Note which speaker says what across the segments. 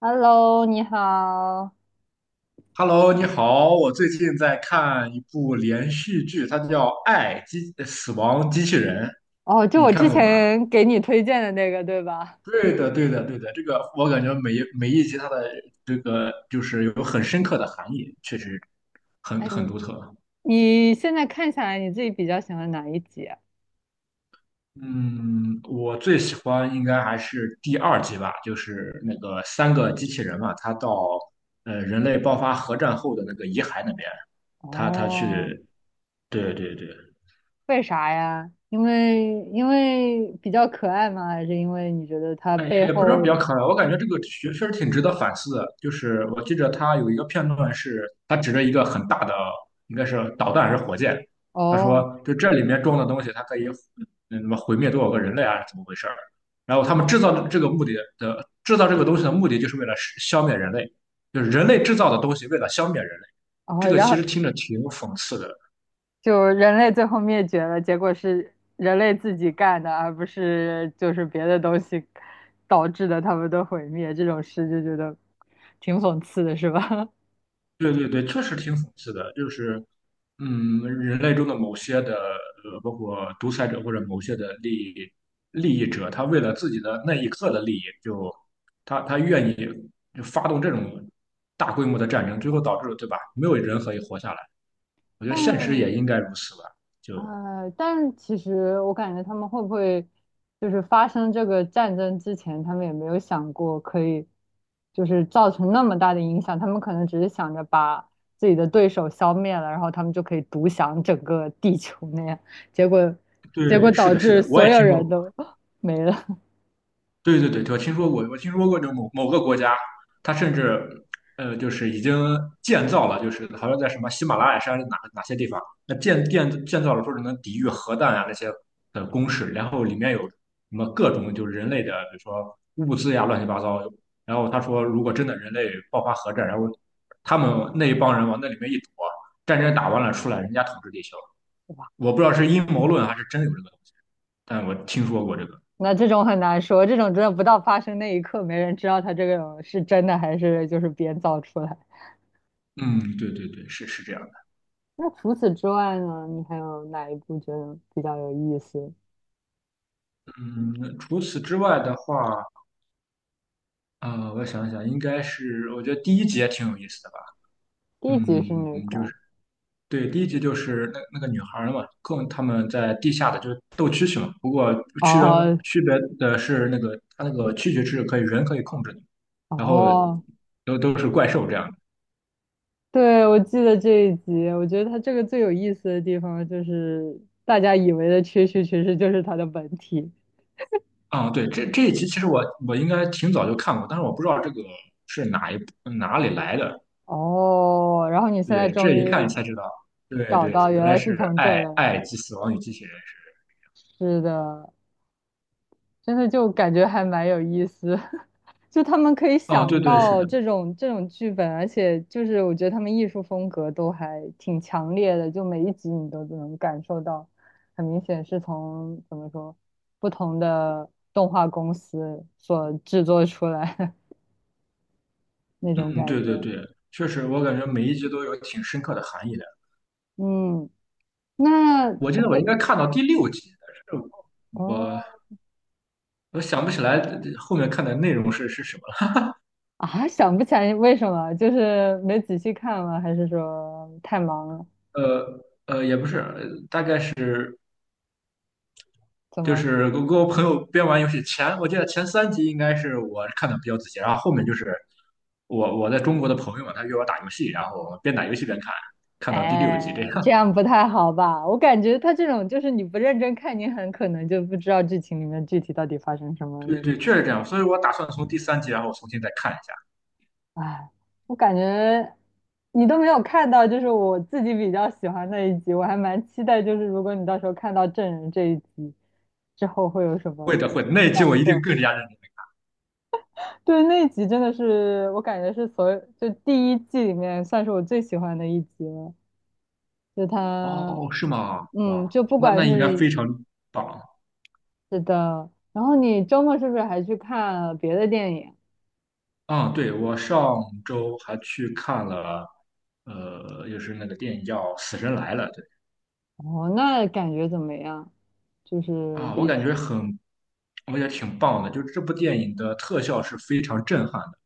Speaker 1: Hello，你好。
Speaker 2: Hello，你好，我最近在看一部连续剧，它叫《爱死亡机器人》，
Speaker 1: 哦，就
Speaker 2: 你
Speaker 1: 我之
Speaker 2: 看过吗？
Speaker 1: 前给你推荐的那个，对吧？
Speaker 2: 对的，对的，对的，这个我感觉每一集它的这个就是有很深刻的含义，确实很
Speaker 1: 哎，
Speaker 2: 很
Speaker 1: 你
Speaker 2: 独特。
Speaker 1: 你现在看下来，你自己比较喜欢哪一集啊？
Speaker 2: 嗯，我最喜欢应该还是第二集吧，就是那个三个机器人嘛，他到人类爆发核战后的那个遗骸那边，他
Speaker 1: 哦，
Speaker 2: 去，对对对。
Speaker 1: 为啥呀？因为比较可爱吗？还是因为你觉得它
Speaker 2: 哎，
Speaker 1: 背
Speaker 2: 也不知道比
Speaker 1: 后……
Speaker 2: 较可爱，我感觉这个确实挺值得反思的。就是我记着他有一个片段是，他指着一个很大的，应该是导弹还是火箭，他
Speaker 1: 哦
Speaker 2: 说就这里面装的东西，它可以什么毁灭多少个人类啊，怎么回事儿？然后他们
Speaker 1: 哦
Speaker 2: 制造这个东西的目的，就是为了消灭人类，就是人类制造的东西为了消灭人类。这
Speaker 1: 哦，
Speaker 2: 个
Speaker 1: 然
Speaker 2: 其
Speaker 1: 后
Speaker 2: 实听着挺讽刺的。
Speaker 1: 就人类最后灭绝了，结果是人类自己干的，而不是就是别的东西导致的他们的毁灭，这种事就觉得挺讽刺的，是吧？
Speaker 2: 对对对，确实挺讽刺的，就是，人类中的某些的，包括独裁者或者某些的利益者，他为了自己的那一刻的利益，就他愿意就发动这种大规模的战争，最后导致了对吧？没有人可以活下来。我 觉得现实
Speaker 1: 但
Speaker 2: 也应该如此吧。就
Speaker 1: 但其实我感觉他们会不会就是发生这个战争之前，他们也没有想过可以就是造成那么大的影响，他们可能只是想着把自己的对手消灭了，然后他们就可以独享整个地球那样，结果结果
Speaker 2: 对，是
Speaker 1: 导
Speaker 2: 的，是
Speaker 1: 致
Speaker 2: 的，我
Speaker 1: 所
Speaker 2: 也
Speaker 1: 有
Speaker 2: 听说
Speaker 1: 人
Speaker 2: 过。
Speaker 1: 都 没了。
Speaker 2: 对对对，我听说过就某某个国家，它甚至就是已经建造了，就是好像在什么喜马拉雅山哪些地方，那建造了说是能抵御核弹啊那些的工事，然后里面有什么各种就是人类的，比如说物资呀乱七八糟。然后他说，如果真的人类爆发核战，然后他们那一帮人往那里面一躲，战争打完了出来，人家统治地球。
Speaker 1: 哇，
Speaker 2: 我不知道是阴谋
Speaker 1: 嗯，
Speaker 2: 论还是真有这个东西，但我听说过这个。
Speaker 1: 那这种很难说，这种真的不到发生那一刻，没人知道他这个是真的还是就是编造出来。
Speaker 2: 嗯，对对对，是这样。
Speaker 1: 那除此之外呢？你还有哪一部觉得比较有意思？
Speaker 2: 嗯，除此之外的话，我想想，应该是我觉得第一集也挺有意思的吧。
Speaker 1: 第一集是哪
Speaker 2: 就
Speaker 1: 个？
Speaker 2: 是对，第一集就是那个女孩儿嘛，跟他们在地下的就是斗蛐蛐嘛。不过区别
Speaker 1: 哦
Speaker 2: 区别的是那个它那个蛐蛐是可以人可以控制的，然后
Speaker 1: 哦，
Speaker 2: 都是怪兽这样的。
Speaker 1: 对，我记得这一集，我觉得它这个最有意思的地方就是大家以为的蛐蛐，其实就是它的本体。
Speaker 2: 啊、对，这一集其实我应该挺早就看过，但是我不知道这个是哪一部哪里来的。
Speaker 1: 哦，然后你现在
Speaker 2: 对，
Speaker 1: 终
Speaker 2: 这一看
Speaker 1: 于
Speaker 2: 才知道，对
Speaker 1: 找
Speaker 2: 对，
Speaker 1: 到，
Speaker 2: 原
Speaker 1: 原
Speaker 2: 来
Speaker 1: 来
Speaker 2: 是
Speaker 1: 是从这
Speaker 2: 爱
Speaker 1: 儿来。
Speaker 2: 《爱及死亡与机器人》。
Speaker 1: 是的，真的就感觉还蛮有意思，就他们可以
Speaker 2: 哦，
Speaker 1: 想
Speaker 2: 对对，是
Speaker 1: 到
Speaker 2: 的，
Speaker 1: 这种剧本，而且就是我觉得他们艺术风格都还挺强烈的，就每一集你都能感受到，很明显是从怎么说不同的动画公司所制作出来的 那种
Speaker 2: 嗯，
Speaker 1: 感
Speaker 2: 对对
Speaker 1: 觉。
Speaker 2: 对，确实，我感觉每一集都有挺深刻的含义的。
Speaker 1: 嗯，那
Speaker 2: 我记
Speaker 1: 除
Speaker 2: 得我
Speaker 1: 了
Speaker 2: 应该看到第六集，但是
Speaker 1: 哦
Speaker 2: 我我想不起来后面看的内容是什么
Speaker 1: 啊，想不起来为什么，就是没仔细看吗？还是说太忙
Speaker 2: 了。
Speaker 1: 了？
Speaker 2: 也不是，大概是
Speaker 1: 怎
Speaker 2: 就
Speaker 1: 么？
Speaker 2: 是我跟我朋友边玩游戏前，我记得前三集应该是我看的比较仔细，然后后面就是我在中国的朋友嘛，他约我打游戏，然后我们边打游戏边看，看到第六集
Speaker 1: 哎，
Speaker 2: 这
Speaker 1: 这
Speaker 2: 样。
Speaker 1: 样 不太好吧？我感觉他这种就是你不认真看，你很可能就不知道剧情里面具体到底发生什么
Speaker 2: 对
Speaker 1: 那种。
Speaker 2: 对，确实这样，所以我打算从第三集然后重新再看一下。
Speaker 1: 哎，我感觉你都没有看到，就是我自己比较喜欢那一集，我还蛮期待，就是如果你到时候看到证人这一集之后会有什
Speaker 2: 会
Speaker 1: 么
Speaker 2: 的，会的，那一集
Speaker 1: 感
Speaker 2: 我一定
Speaker 1: 受。
Speaker 2: 更加认真。
Speaker 1: 对，那一集真的是我感觉是所有就第一季里面算是我最喜欢的一集了，就他。
Speaker 2: 哦，是吗？哇，
Speaker 1: 嗯，就不
Speaker 2: 那
Speaker 1: 管
Speaker 2: 那应该
Speaker 1: 是
Speaker 2: 非常棒
Speaker 1: 是的，然后你周末是不是还去看了别的电影？
Speaker 2: 啊！对，我上周还去看了，就是那个电影叫《死神来了》，对
Speaker 1: 哦，那感觉怎么样？就是
Speaker 2: 啊，
Speaker 1: 比起
Speaker 2: 我觉得挺棒的，就这部电影的特效是非常震撼的，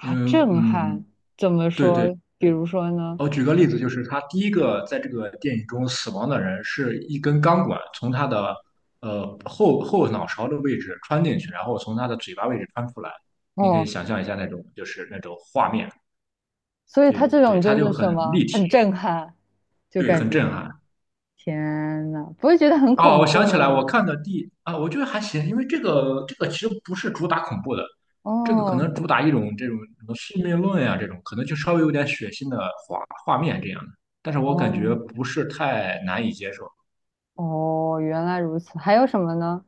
Speaker 2: 因为
Speaker 1: 震撼，
Speaker 2: 嗯，
Speaker 1: 怎么
Speaker 2: 对对。
Speaker 1: 说？比如说呢？
Speaker 2: 我举个例子，就是他第一个在这个电影中死亡的人，是一根钢管从他的后脑勺的位置穿进去，然后从他的嘴巴位置穿出来。你可以
Speaker 1: 哦，
Speaker 2: 想象一下那种就是那种画面，
Speaker 1: 所以
Speaker 2: 对
Speaker 1: 它这
Speaker 2: 对，
Speaker 1: 种
Speaker 2: 他
Speaker 1: 就
Speaker 2: 就
Speaker 1: 是
Speaker 2: 很
Speaker 1: 什么，
Speaker 2: 立
Speaker 1: 很
Speaker 2: 体，
Speaker 1: 震撼，就
Speaker 2: 对，
Speaker 1: 感
Speaker 2: 很
Speaker 1: 觉
Speaker 2: 震撼。
Speaker 1: 天呐，不会觉得很
Speaker 2: 啊！
Speaker 1: 恐
Speaker 2: 我想
Speaker 1: 怖
Speaker 2: 起来，我看
Speaker 1: 吗？
Speaker 2: 的第啊，我觉得还行，因为这个其实不是主打恐怖的，这个可能
Speaker 1: 哦
Speaker 2: 主打一种这种什么宿命论呀、这种可能就稍微有点血腥的画面这样的，但是我感
Speaker 1: 哦
Speaker 2: 觉不是太难以接受。
Speaker 1: 哦，原来如此。还有什么呢？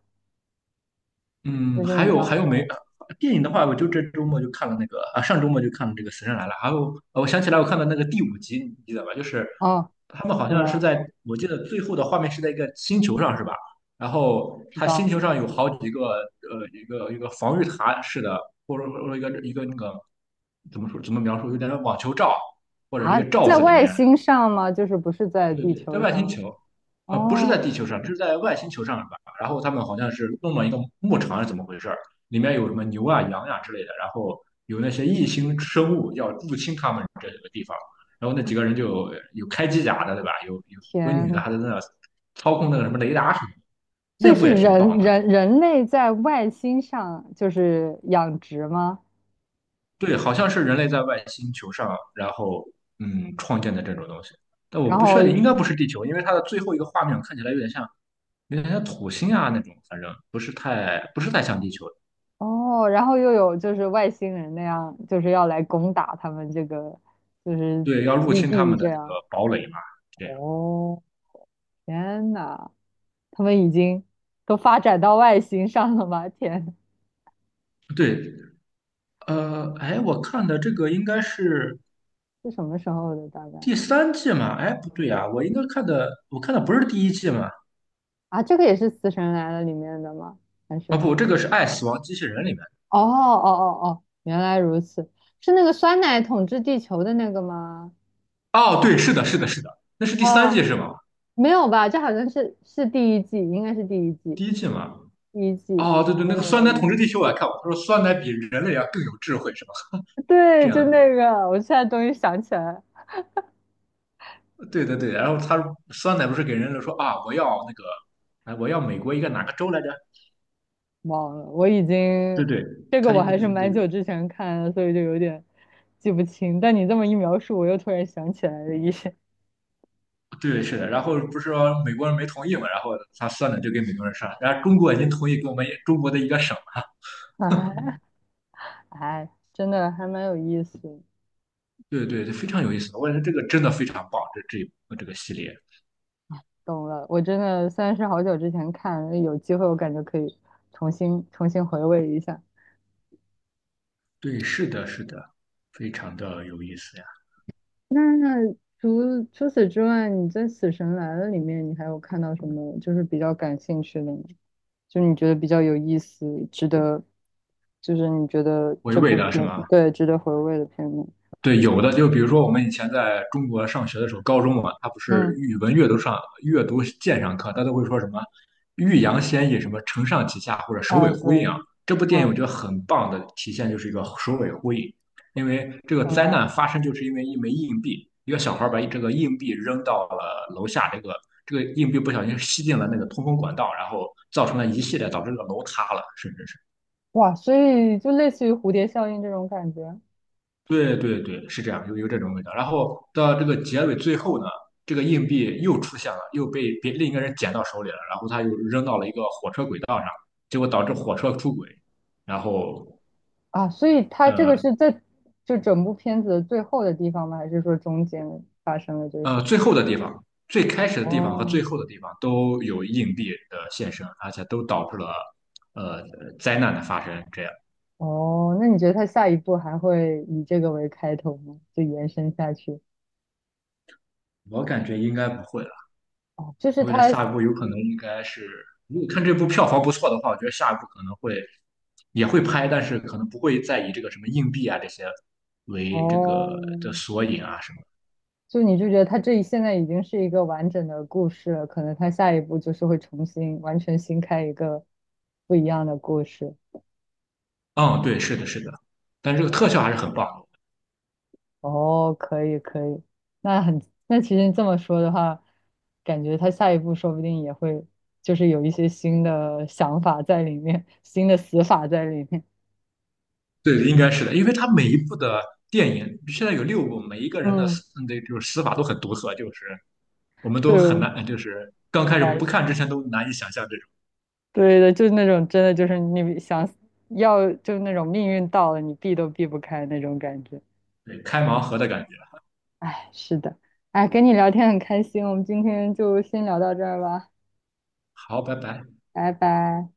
Speaker 2: 嗯，
Speaker 1: 就是
Speaker 2: 还
Speaker 1: 你
Speaker 2: 有
Speaker 1: 刚
Speaker 2: 还
Speaker 1: 才
Speaker 2: 有没
Speaker 1: 说，
Speaker 2: 电影的话，我就这周末就看了那个啊，上周末就看了这个《死神来了》，还有我想起来我看了那个第五集，你记得吧？就是
Speaker 1: 哦，
Speaker 2: 他们好
Speaker 1: 怎么
Speaker 2: 像是
Speaker 1: 了？
Speaker 2: 在，我记得最后的画面是在一个星球上，是吧？然后
Speaker 1: 知
Speaker 2: 他
Speaker 1: 道
Speaker 2: 星球
Speaker 1: 没
Speaker 2: 上有
Speaker 1: 看
Speaker 2: 好
Speaker 1: 过。
Speaker 2: 几个一个一个防御塔似的，或者说一个一个那个怎么说怎么描述，有点像网球罩或者一
Speaker 1: 啊？
Speaker 2: 个罩
Speaker 1: 在
Speaker 2: 子里
Speaker 1: 外
Speaker 2: 面。
Speaker 1: 星上吗？就是不是在
Speaker 2: 对
Speaker 1: 地
Speaker 2: 对，在
Speaker 1: 球
Speaker 2: 外星
Speaker 1: 上？
Speaker 2: 球，不是在
Speaker 1: 哦，
Speaker 2: 地球上，这是在外星球上吧？然后他们好像是弄了一个牧场，是怎么回事儿？里面有什么牛啊、羊呀、之类的，然后有那些异星生物要入侵他们这个地方，然后那几个人就有开机甲的，对吧？有个
Speaker 1: 天
Speaker 2: 女的
Speaker 1: 呐，
Speaker 2: 还在那操控那个什么雷达什么的，
Speaker 1: 所
Speaker 2: 那
Speaker 1: 以对
Speaker 2: 部
Speaker 1: 是
Speaker 2: 也挺棒
Speaker 1: 人
Speaker 2: 的。
Speaker 1: 人人类在外星上就是养殖吗？
Speaker 2: 对，好像是人类在外星球上，然后创建的这种东西，但我
Speaker 1: 然
Speaker 2: 不
Speaker 1: 后
Speaker 2: 确定，应该不是地球，因为它的最后一个画面看起来有点像。有点像土星啊那种，反正不是太像地球。
Speaker 1: 哦，然后又有就是外星人那样，就是要来攻打他们这个就是
Speaker 2: 对，要入
Speaker 1: 基
Speaker 2: 侵他
Speaker 1: 地
Speaker 2: 们
Speaker 1: 这
Speaker 2: 的这个
Speaker 1: 样。
Speaker 2: 堡垒嘛，这样。
Speaker 1: 哦，天呐，他们已经都发展到外星上了吗？天，
Speaker 2: 对，哎，我看的这个应该是
Speaker 1: 是什么时候的大概？
Speaker 2: 第三季嘛？哎，不对呀、我看的不是第一季嘛？
Speaker 1: 啊，这个也是《死神来了》里面的吗？还
Speaker 2: 啊，
Speaker 1: 是？
Speaker 2: 不，这个是《爱死亡机器人》里面。
Speaker 1: 哦哦哦哦，原来如此，是那个酸奶统治地球的那个吗？
Speaker 2: 哦，对，是的，是的，是的，那是第三
Speaker 1: 哦，
Speaker 2: 季是吗？
Speaker 1: 没有吧？这好像是第一季，应该是第一季，
Speaker 2: 第一季嘛？
Speaker 1: 第一季
Speaker 2: 哦，对对，
Speaker 1: 真
Speaker 2: 那个
Speaker 1: 的
Speaker 2: 酸
Speaker 1: 某
Speaker 2: 奶
Speaker 1: 一 季
Speaker 2: 统治地球我也看过，他说酸奶比人类要更有智慧是吧？这
Speaker 1: 对，就
Speaker 2: 样，
Speaker 1: 那个，我现在终于想起来，
Speaker 2: 对对对，然后酸奶不是给人类说啊，我要那个，哎，我要美国一个哪个州来着？
Speaker 1: 忘了，我已
Speaker 2: 对
Speaker 1: 经
Speaker 2: 对，
Speaker 1: 这个
Speaker 2: 他
Speaker 1: 我还是蛮久之前看的，所以就有点记不清。但你这么一描述，我又突然想起来了一些，
Speaker 2: 对对是的，然后不是说美国人没同意嘛，然后他算了就给美国人算了，然后中国已经同意给我们中国的一个省了，
Speaker 1: 哎哎，真的还蛮有意思的。
Speaker 2: 对对，对非常有意思，我感觉这个真的非常棒，这一部这个系列，
Speaker 1: 懂了，我真的虽然是好久之前看，有机会我感觉可以重新回味一下。
Speaker 2: 对，是的，是的，非常的有意思呀，
Speaker 1: 那除此之外，你在《死神来了》里面，你还有看到什么就是比较感兴趣的吗？就你觉得比较有意思，值得，就是你觉得
Speaker 2: 娓
Speaker 1: 这
Speaker 2: 娓
Speaker 1: 部
Speaker 2: 的是
Speaker 1: 片，
Speaker 2: 吗？
Speaker 1: 对，值得回味的片目。
Speaker 2: 对，有的就比如说我们以前在中国上学的时候，高中嘛，它不是
Speaker 1: 嗯，
Speaker 2: 语文阅读上阅读鉴赏课，它都会说什么"欲扬先抑"，什么"承上启下"或者"首
Speaker 1: 啊，
Speaker 2: 尾
Speaker 1: 对，
Speaker 2: 呼应"啊。这部电影我觉
Speaker 1: 嗯，
Speaker 2: 得很棒的体现就是一个首尾呼应，因为这个
Speaker 1: 懂
Speaker 2: 灾难
Speaker 1: 了。
Speaker 2: 发生就是因为一枚硬币，一个小孩把这个硬币扔到了楼下，这个硬币不小心吸进了那个通风管道，然后造成了一系列导致这个楼塌了，甚至是。
Speaker 1: 哇，所以就类似于蝴蝶效应这种感觉。
Speaker 2: 对对对，是这样，有这种味道。然后到这个结尾最后呢，这个硬币又出现了，又被别另一个人捡到手里了，然后他又扔到了一个火车轨道上，结果导致火车出轨。然后
Speaker 1: 啊，所以他这个
Speaker 2: 呃
Speaker 1: 是在就整部片子的最后的地方吗？还是说中间发生了这些？
Speaker 2: 最后的地方，最开始的地方和
Speaker 1: 哦
Speaker 2: 最后的地方都有硬币的现身，而且都导致了呃灾难的发生。这样，
Speaker 1: 哦，那你觉得他下一步还会以这个为开头吗？就延伸下去？
Speaker 2: 我感觉应该不会了。
Speaker 1: 哦，就是
Speaker 2: 我觉得
Speaker 1: 他
Speaker 2: 下一步有可能应该是，如果看这部票房不错的话，我觉得下一步可能会也会拍，但是可能不会再以这个什么硬币啊这些为这个的
Speaker 1: 哦，
Speaker 2: 索引啊什么。
Speaker 1: 就你就觉得他这一现在已经是一个完整的故事了，可能他下一步就是会重新完全新开一个不一样的故事。
Speaker 2: 嗯，对，是的，是的，但这个特效
Speaker 1: 哦
Speaker 2: 还是很棒的。
Speaker 1: 哦，可以可以，那很，那其实你这么说的话，感觉他下一步说不定也会，就是有一些新的想法在里面，新的死法在里面。
Speaker 2: 对，应该是的，因为它每一部的电影现在有六部，每一个人的死
Speaker 1: 嗯，
Speaker 2: 那就是死法都很独特，就是我们都
Speaker 1: 对
Speaker 2: 很
Speaker 1: 我
Speaker 2: 难，就是刚开始
Speaker 1: 来
Speaker 2: 不
Speaker 1: 说
Speaker 2: 看之前都难以想象这种
Speaker 1: 对的，就是那种真的就是你想要，就是那种命运到了，你避都避不开那种感觉。
Speaker 2: 对开盲盒的感觉。
Speaker 1: 哎，是的，哎，跟你聊天很开心，我们今天就先聊到这儿吧，
Speaker 2: 好，拜拜。
Speaker 1: 拜拜。